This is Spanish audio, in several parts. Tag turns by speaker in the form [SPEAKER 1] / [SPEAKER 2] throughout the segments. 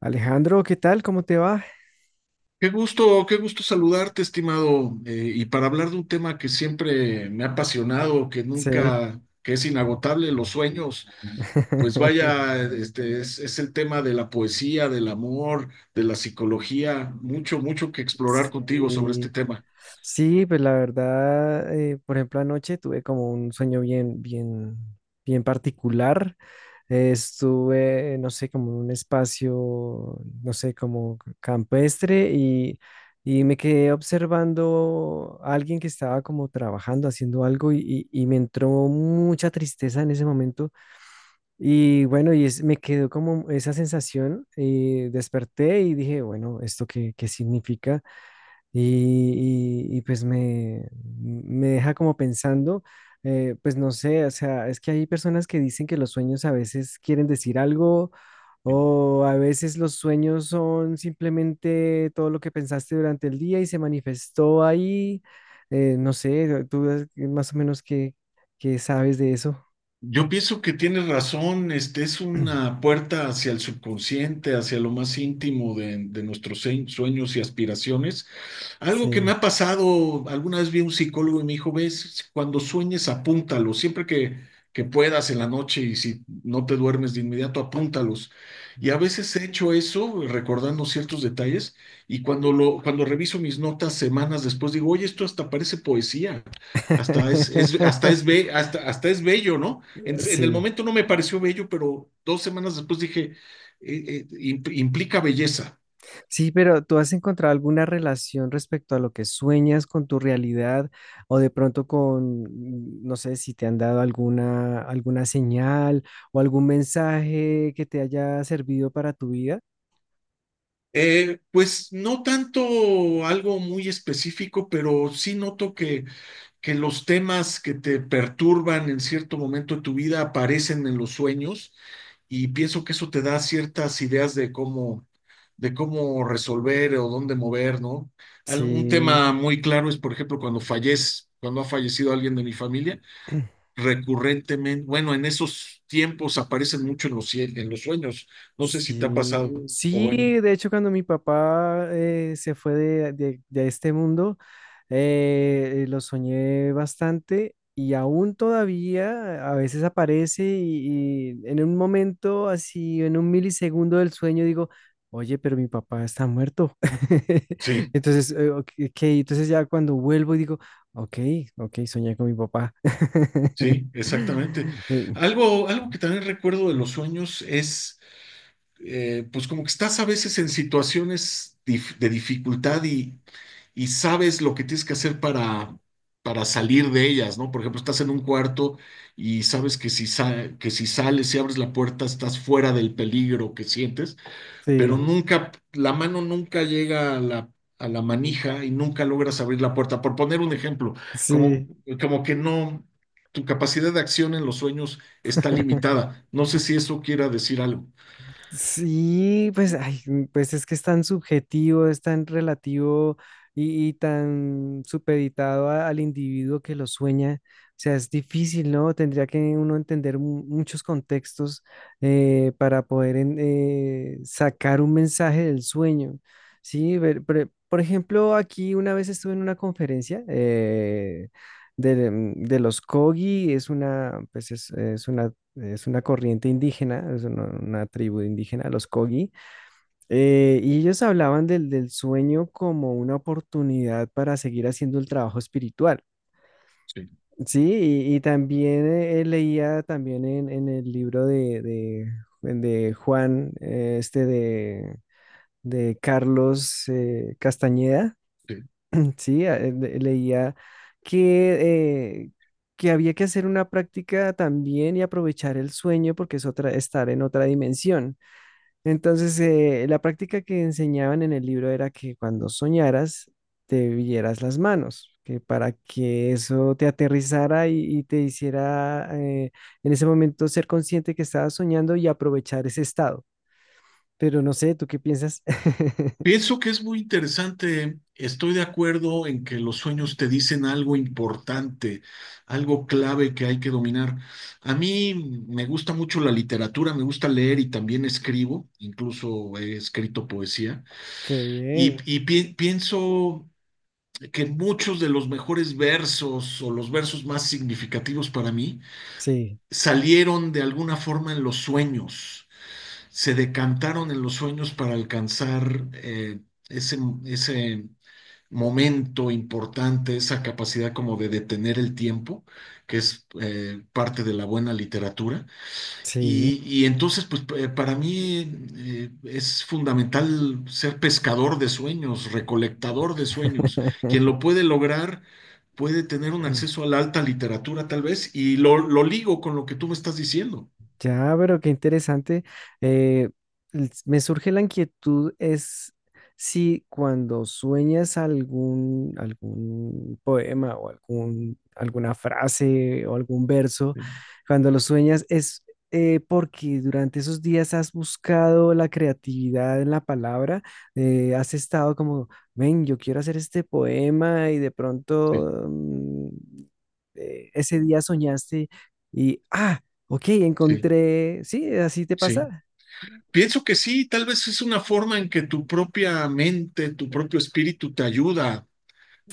[SPEAKER 1] Alejandro, ¿qué tal? ¿Cómo te va?
[SPEAKER 2] Qué gusto saludarte, estimado, y para hablar de un tema que siempre me ha apasionado, que
[SPEAKER 1] Sí.
[SPEAKER 2] nunca, que es inagotable, los sueños, pues vaya, es el tema de la poesía, del amor, de la psicología, mucho que explorar contigo sobre este
[SPEAKER 1] Sí,
[SPEAKER 2] tema.
[SPEAKER 1] sí, pues la verdad, por ejemplo, anoche tuve como un sueño bien particular. Estuve, no sé, como en un espacio, no sé, como campestre y me quedé observando a alguien que estaba como trabajando, haciendo algo y, y me entró mucha tristeza en ese momento. Y bueno, me quedó como esa sensación, y desperté y dije, bueno, ¿esto qué significa? Pues me deja como pensando, pues no sé, o sea, es que hay personas que dicen que los sueños a veces quieren decir algo o a veces los sueños son simplemente todo lo que pensaste durante el día y se manifestó ahí, no sé, tú más o menos qué sabes de eso.
[SPEAKER 2] Yo pienso que tienes razón, este es una puerta hacia el subconsciente, hacia lo más íntimo de nuestros sueños y aspiraciones. Algo que
[SPEAKER 1] Sí.
[SPEAKER 2] me ha pasado, alguna vez vi a un psicólogo y me dijo, ves, cuando sueñes, apúntalos, que puedas en la noche y si no te duermes de inmediato, apúntalos. Y a veces he hecho eso, recordando ciertos detalles, y cuando reviso mis notas semanas después, digo, oye, esto hasta parece poesía, hasta es- hasta es, be- hasta, hasta es bello, ¿no? En el
[SPEAKER 1] Sí,
[SPEAKER 2] momento no me pareció bello, pero dos semanas después dije, implica belleza".
[SPEAKER 1] sí, pero ¿tú has encontrado alguna relación respecto a lo que sueñas con tu realidad o de pronto con, no sé, si te han dado alguna señal o algún mensaje que te haya servido para tu vida?
[SPEAKER 2] Pues no tanto algo muy específico, pero sí noto que los temas que te perturban en cierto momento de tu vida aparecen en los sueños, y pienso que eso te da ciertas ideas de de cómo resolver o dónde mover, ¿no? Un
[SPEAKER 1] Sí.
[SPEAKER 2] tema muy claro es, por ejemplo, cuando ha fallecido alguien de mi familia, recurrentemente, bueno, en esos tiempos aparecen mucho en en los sueños. No sé si te ha
[SPEAKER 1] Sí,
[SPEAKER 2] pasado o bueno,
[SPEAKER 1] sí, de hecho cuando mi papá se fue de este mundo, lo soñé bastante y aún todavía a veces aparece y en un momento así, en un milisegundo del sueño digo, oye, pero mi papá está muerto.
[SPEAKER 2] sí.
[SPEAKER 1] Entonces, ok, ok, entonces ya cuando vuelvo y digo, ok, ok, soñé con mi papá.
[SPEAKER 2] Sí, exactamente.
[SPEAKER 1] Eh,
[SPEAKER 2] Algo que también recuerdo de los sueños es, pues como que estás a veces en situaciones de dificultad y sabes lo que tienes que hacer para salir de ellas, ¿no? Por ejemplo, estás en un cuarto y sabes que que si sales y abres la puerta estás fuera del peligro que sientes, pero
[SPEAKER 1] Sí,
[SPEAKER 2] nunca, la mano nunca llega a a la manija y nunca logras abrir la puerta. Por poner un ejemplo, como,
[SPEAKER 1] sí.
[SPEAKER 2] como que no, tu capacidad de acción en los sueños está limitada. No sé si eso quiera decir algo.
[SPEAKER 1] Sí, pues, ay, pues es que es tan subjetivo, es tan relativo y tan supeditado al individuo que lo sueña. O sea, es difícil, ¿no? Tendría que uno entender muchos contextos para poder sacar un mensaje del sueño. Sí, por ejemplo, aquí una vez estuve en una conferencia de los Kogi, es una, pues es una corriente indígena, es una tribu indígena, los Kogi, y ellos hablaban del, del sueño como una oportunidad para seguir haciendo el trabajo espiritual.
[SPEAKER 2] Sí,
[SPEAKER 1] Sí, y también leía también en el libro de Juan, este de Carlos Castañeda,
[SPEAKER 2] sí.
[SPEAKER 1] sí, ah, leía que, eh, que había que hacer una práctica también y aprovechar el sueño porque es otra, estar en otra dimensión. Entonces, la práctica que enseñaban en el libro era que cuando soñaras, te vieras las manos, que para que eso te aterrizara y te hiciera en ese momento ser consciente que estabas soñando y aprovechar ese estado. Pero no sé, ¿tú qué piensas?
[SPEAKER 2] Pienso que es muy interesante. Estoy de acuerdo en que los sueños te dicen algo importante, algo clave que hay que dominar. A mí me gusta mucho la literatura, me gusta leer y también escribo, incluso he escrito poesía.
[SPEAKER 1] Qué bien.
[SPEAKER 2] Pienso que muchos de los mejores versos o los versos más significativos para mí
[SPEAKER 1] Sí,
[SPEAKER 2] salieron de alguna forma en los sueños, se decantaron en los sueños para alcanzar ese, ese momento importante, esa capacidad como de detener el tiempo, que es parte de la buena literatura.
[SPEAKER 1] sí.
[SPEAKER 2] Y entonces, para mí es fundamental ser pescador de sueños, recolectador de sueños. Quien lo puede lograr puede tener un acceso a la alta literatura tal vez, y lo ligo con lo que tú me estás diciendo.
[SPEAKER 1] Ya, pero qué interesante. Eh, Me surge la inquietud es si cuando sueñas algún, algún poema o algún, alguna frase o algún verso,
[SPEAKER 2] Sí,
[SPEAKER 1] cuando lo sueñas es porque durante esos días has buscado la creatividad en la palabra, has estado como, ven, yo quiero hacer este poema y de
[SPEAKER 2] sí,
[SPEAKER 1] pronto ese día soñaste y, ah, ok,
[SPEAKER 2] sí.
[SPEAKER 1] encontré. Sí, así te
[SPEAKER 2] Sí.
[SPEAKER 1] pasa.
[SPEAKER 2] Pienso que sí, tal vez es una forma en que tu propia mente, tu propio espíritu te ayuda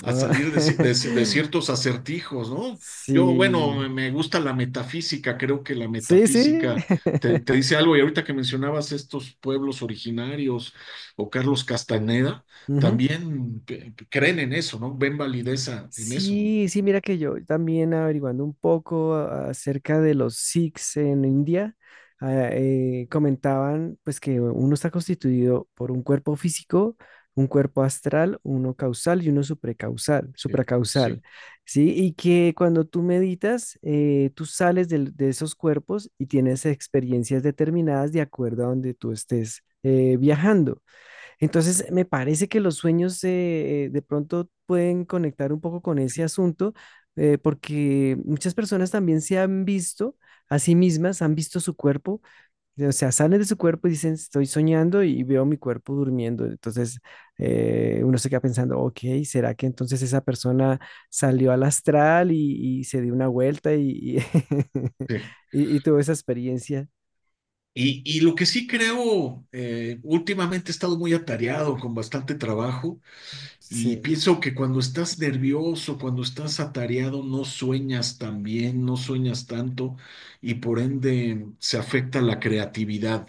[SPEAKER 2] a
[SPEAKER 1] Ah,
[SPEAKER 2] salir de ciertos acertijos, ¿no? Yo, bueno,
[SPEAKER 1] Sí,
[SPEAKER 2] me gusta la metafísica, creo que la
[SPEAKER 1] sí, sí.
[SPEAKER 2] metafísica te dice algo, y ahorita que mencionabas estos pueblos originarios o Carlos Castaneda,
[SPEAKER 1] Ujú.
[SPEAKER 2] también creen en eso, ¿no? Ven validez en eso, ¿no?
[SPEAKER 1] Sí, sí, mira que yo también averiguando un poco acerca de los Sikhs en India, ah, comentaban pues que uno está constituido por un cuerpo físico, un cuerpo astral, uno causal y uno supracausal,
[SPEAKER 2] Sí,
[SPEAKER 1] supracausal,
[SPEAKER 2] sí,
[SPEAKER 1] ¿sí? Y que cuando tú meditas, tú sales de, esos cuerpos y tienes experiencias determinadas de acuerdo a donde tú estés viajando. Entonces, me parece que los sueños de pronto pueden conectar un poco con ese asunto, porque muchas personas también se han visto a sí mismas, han visto su cuerpo, o sea, salen de su cuerpo y dicen, estoy soñando y veo mi cuerpo durmiendo. Entonces, uno se queda pensando, ok, ¿será que entonces esa persona salió al astral y se dio una vuelta y,
[SPEAKER 2] sí.
[SPEAKER 1] y tuvo esa experiencia?
[SPEAKER 2] Y lo que sí creo, últimamente he estado muy atareado con bastante trabajo. Y
[SPEAKER 1] Sí,
[SPEAKER 2] pienso que cuando estás nervioso, cuando estás atareado, no sueñas tan bien, no sueñas tanto y por ende se afecta la creatividad.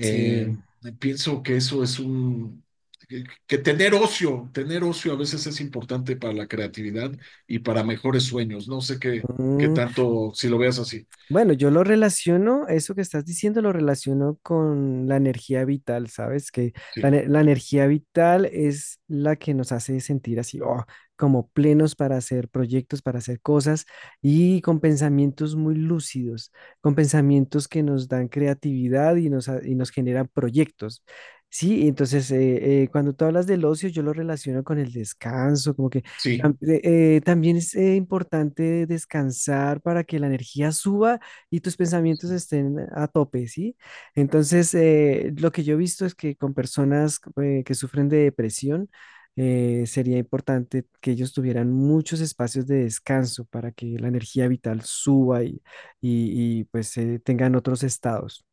[SPEAKER 1] sí.
[SPEAKER 2] pienso que eso es que tener ocio a veces es importante para la creatividad y para mejores sueños. No sé qué
[SPEAKER 1] Mm.
[SPEAKER 2] tanto, si lo veas así.
[SPEAKER 1] Bueno, yo lo relaciono, eso que estás diciendo lo relaciono con la energía vital, ¿sabes? Que
[SPEAKER 2] Sí,
[SPEAKER 1] la energía vital es la que nos hace sentir así, oh, como plenos para hacer proyectos, para hacer cosas y con pensamientos muy lúcidos, con pensamientos que nos dan creatividad y y nos generan proyectos. Sí, entonces cuando tú hablas del ocio, yo lo relaciono con el descanso, como que
[SPEAKER 2] sí.
[SPEAKER 1] tam- eh, también es importante descansar para que la energía suba y tus pensamientos estén a tope, ¿sí? Entonces, lo que yo he visto es que con personas que sufren de depresión, sería importante que ellos tuvieran muchos espacios de descanso para que la energía vital suba y, pues tengan otros estados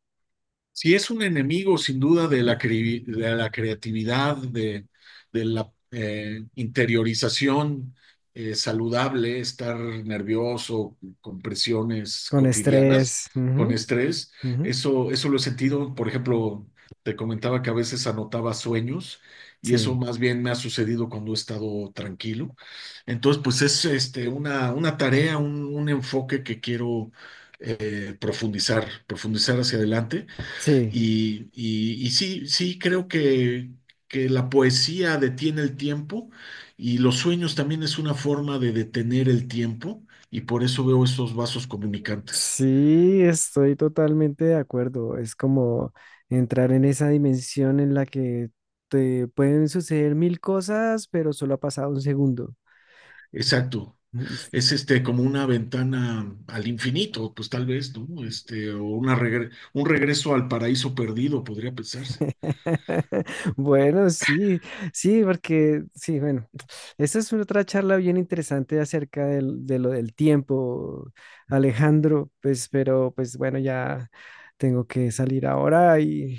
[SPEAKER 2] si es un enemigo sin duda de de la creatividad, de la interiorización saludable, estar nervioso con presiones
[SPEAKER 1] con
[SPEAKER 2] cotidianas,
[SPEAKER 1] estrés.
[SPEAKER 2] con
[SPEAKER 1] Ujú,
[SPEAKER 2] estrés.
[SPEAKER 1] ujú,
[SPEAKER 2] Eso lo he sentido, por ejemplo, te comentaba que a veces anotaba sueños, y eso
[SPEAKER 1] sí,
[SPEAKER 2] más bien me ha sucedido cuando he estado tranquilo. Entonces, pues es este, una tarea, un enfoque que quiero profundizar hacia adelante.
[SPEAKER 1] sí.
[SPEAKER 2] Y sí, sí, creo que la poesía detiene el tiempo y los sueños también es una forma de detener el tiempo, y por eso veo estos vasos comunicantes.
[SPEAKER 1] Sí, estoy totalmente de acuerdo. Es como entrar en esa dimensión en la que te pueden suceder 1000 cosas, pero solo ha pasado un segundo.
[SPEAKER 2] Exacto. Es este como una ventana al infinito, pues tal vez, ¿no? Este, o un regreso al paraíso perdido, podría pensarse.
[SPEAKER 1] Bueno, sí, sí, porque sí, bueno, esa es otra charla bien interesante acerca de lo del tiempo, Alejandro, pues, pero pues bueno, ya tengo que salir ahora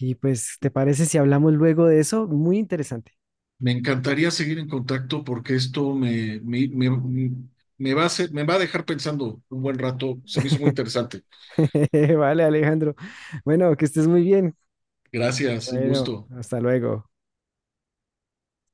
[SPEAKER 1] y pues, ¿te parece si hablamos luego de eso? Muy interesante.
[SPEAKER 2] Me encantaría seguir en contacto porque esto me, me, me, me va a me va a dejar pensando un buen rato. Se me hizo muy interesante.
[SPEAKER 1] Vale, Alejandro. Bueno, que estés muy bien.
[SPEAKER 2] Gracias, un
[SPEAKER 1] Bueno,
[SPEAKER 2] gusto.
[SPEAKER 1] hasta luego.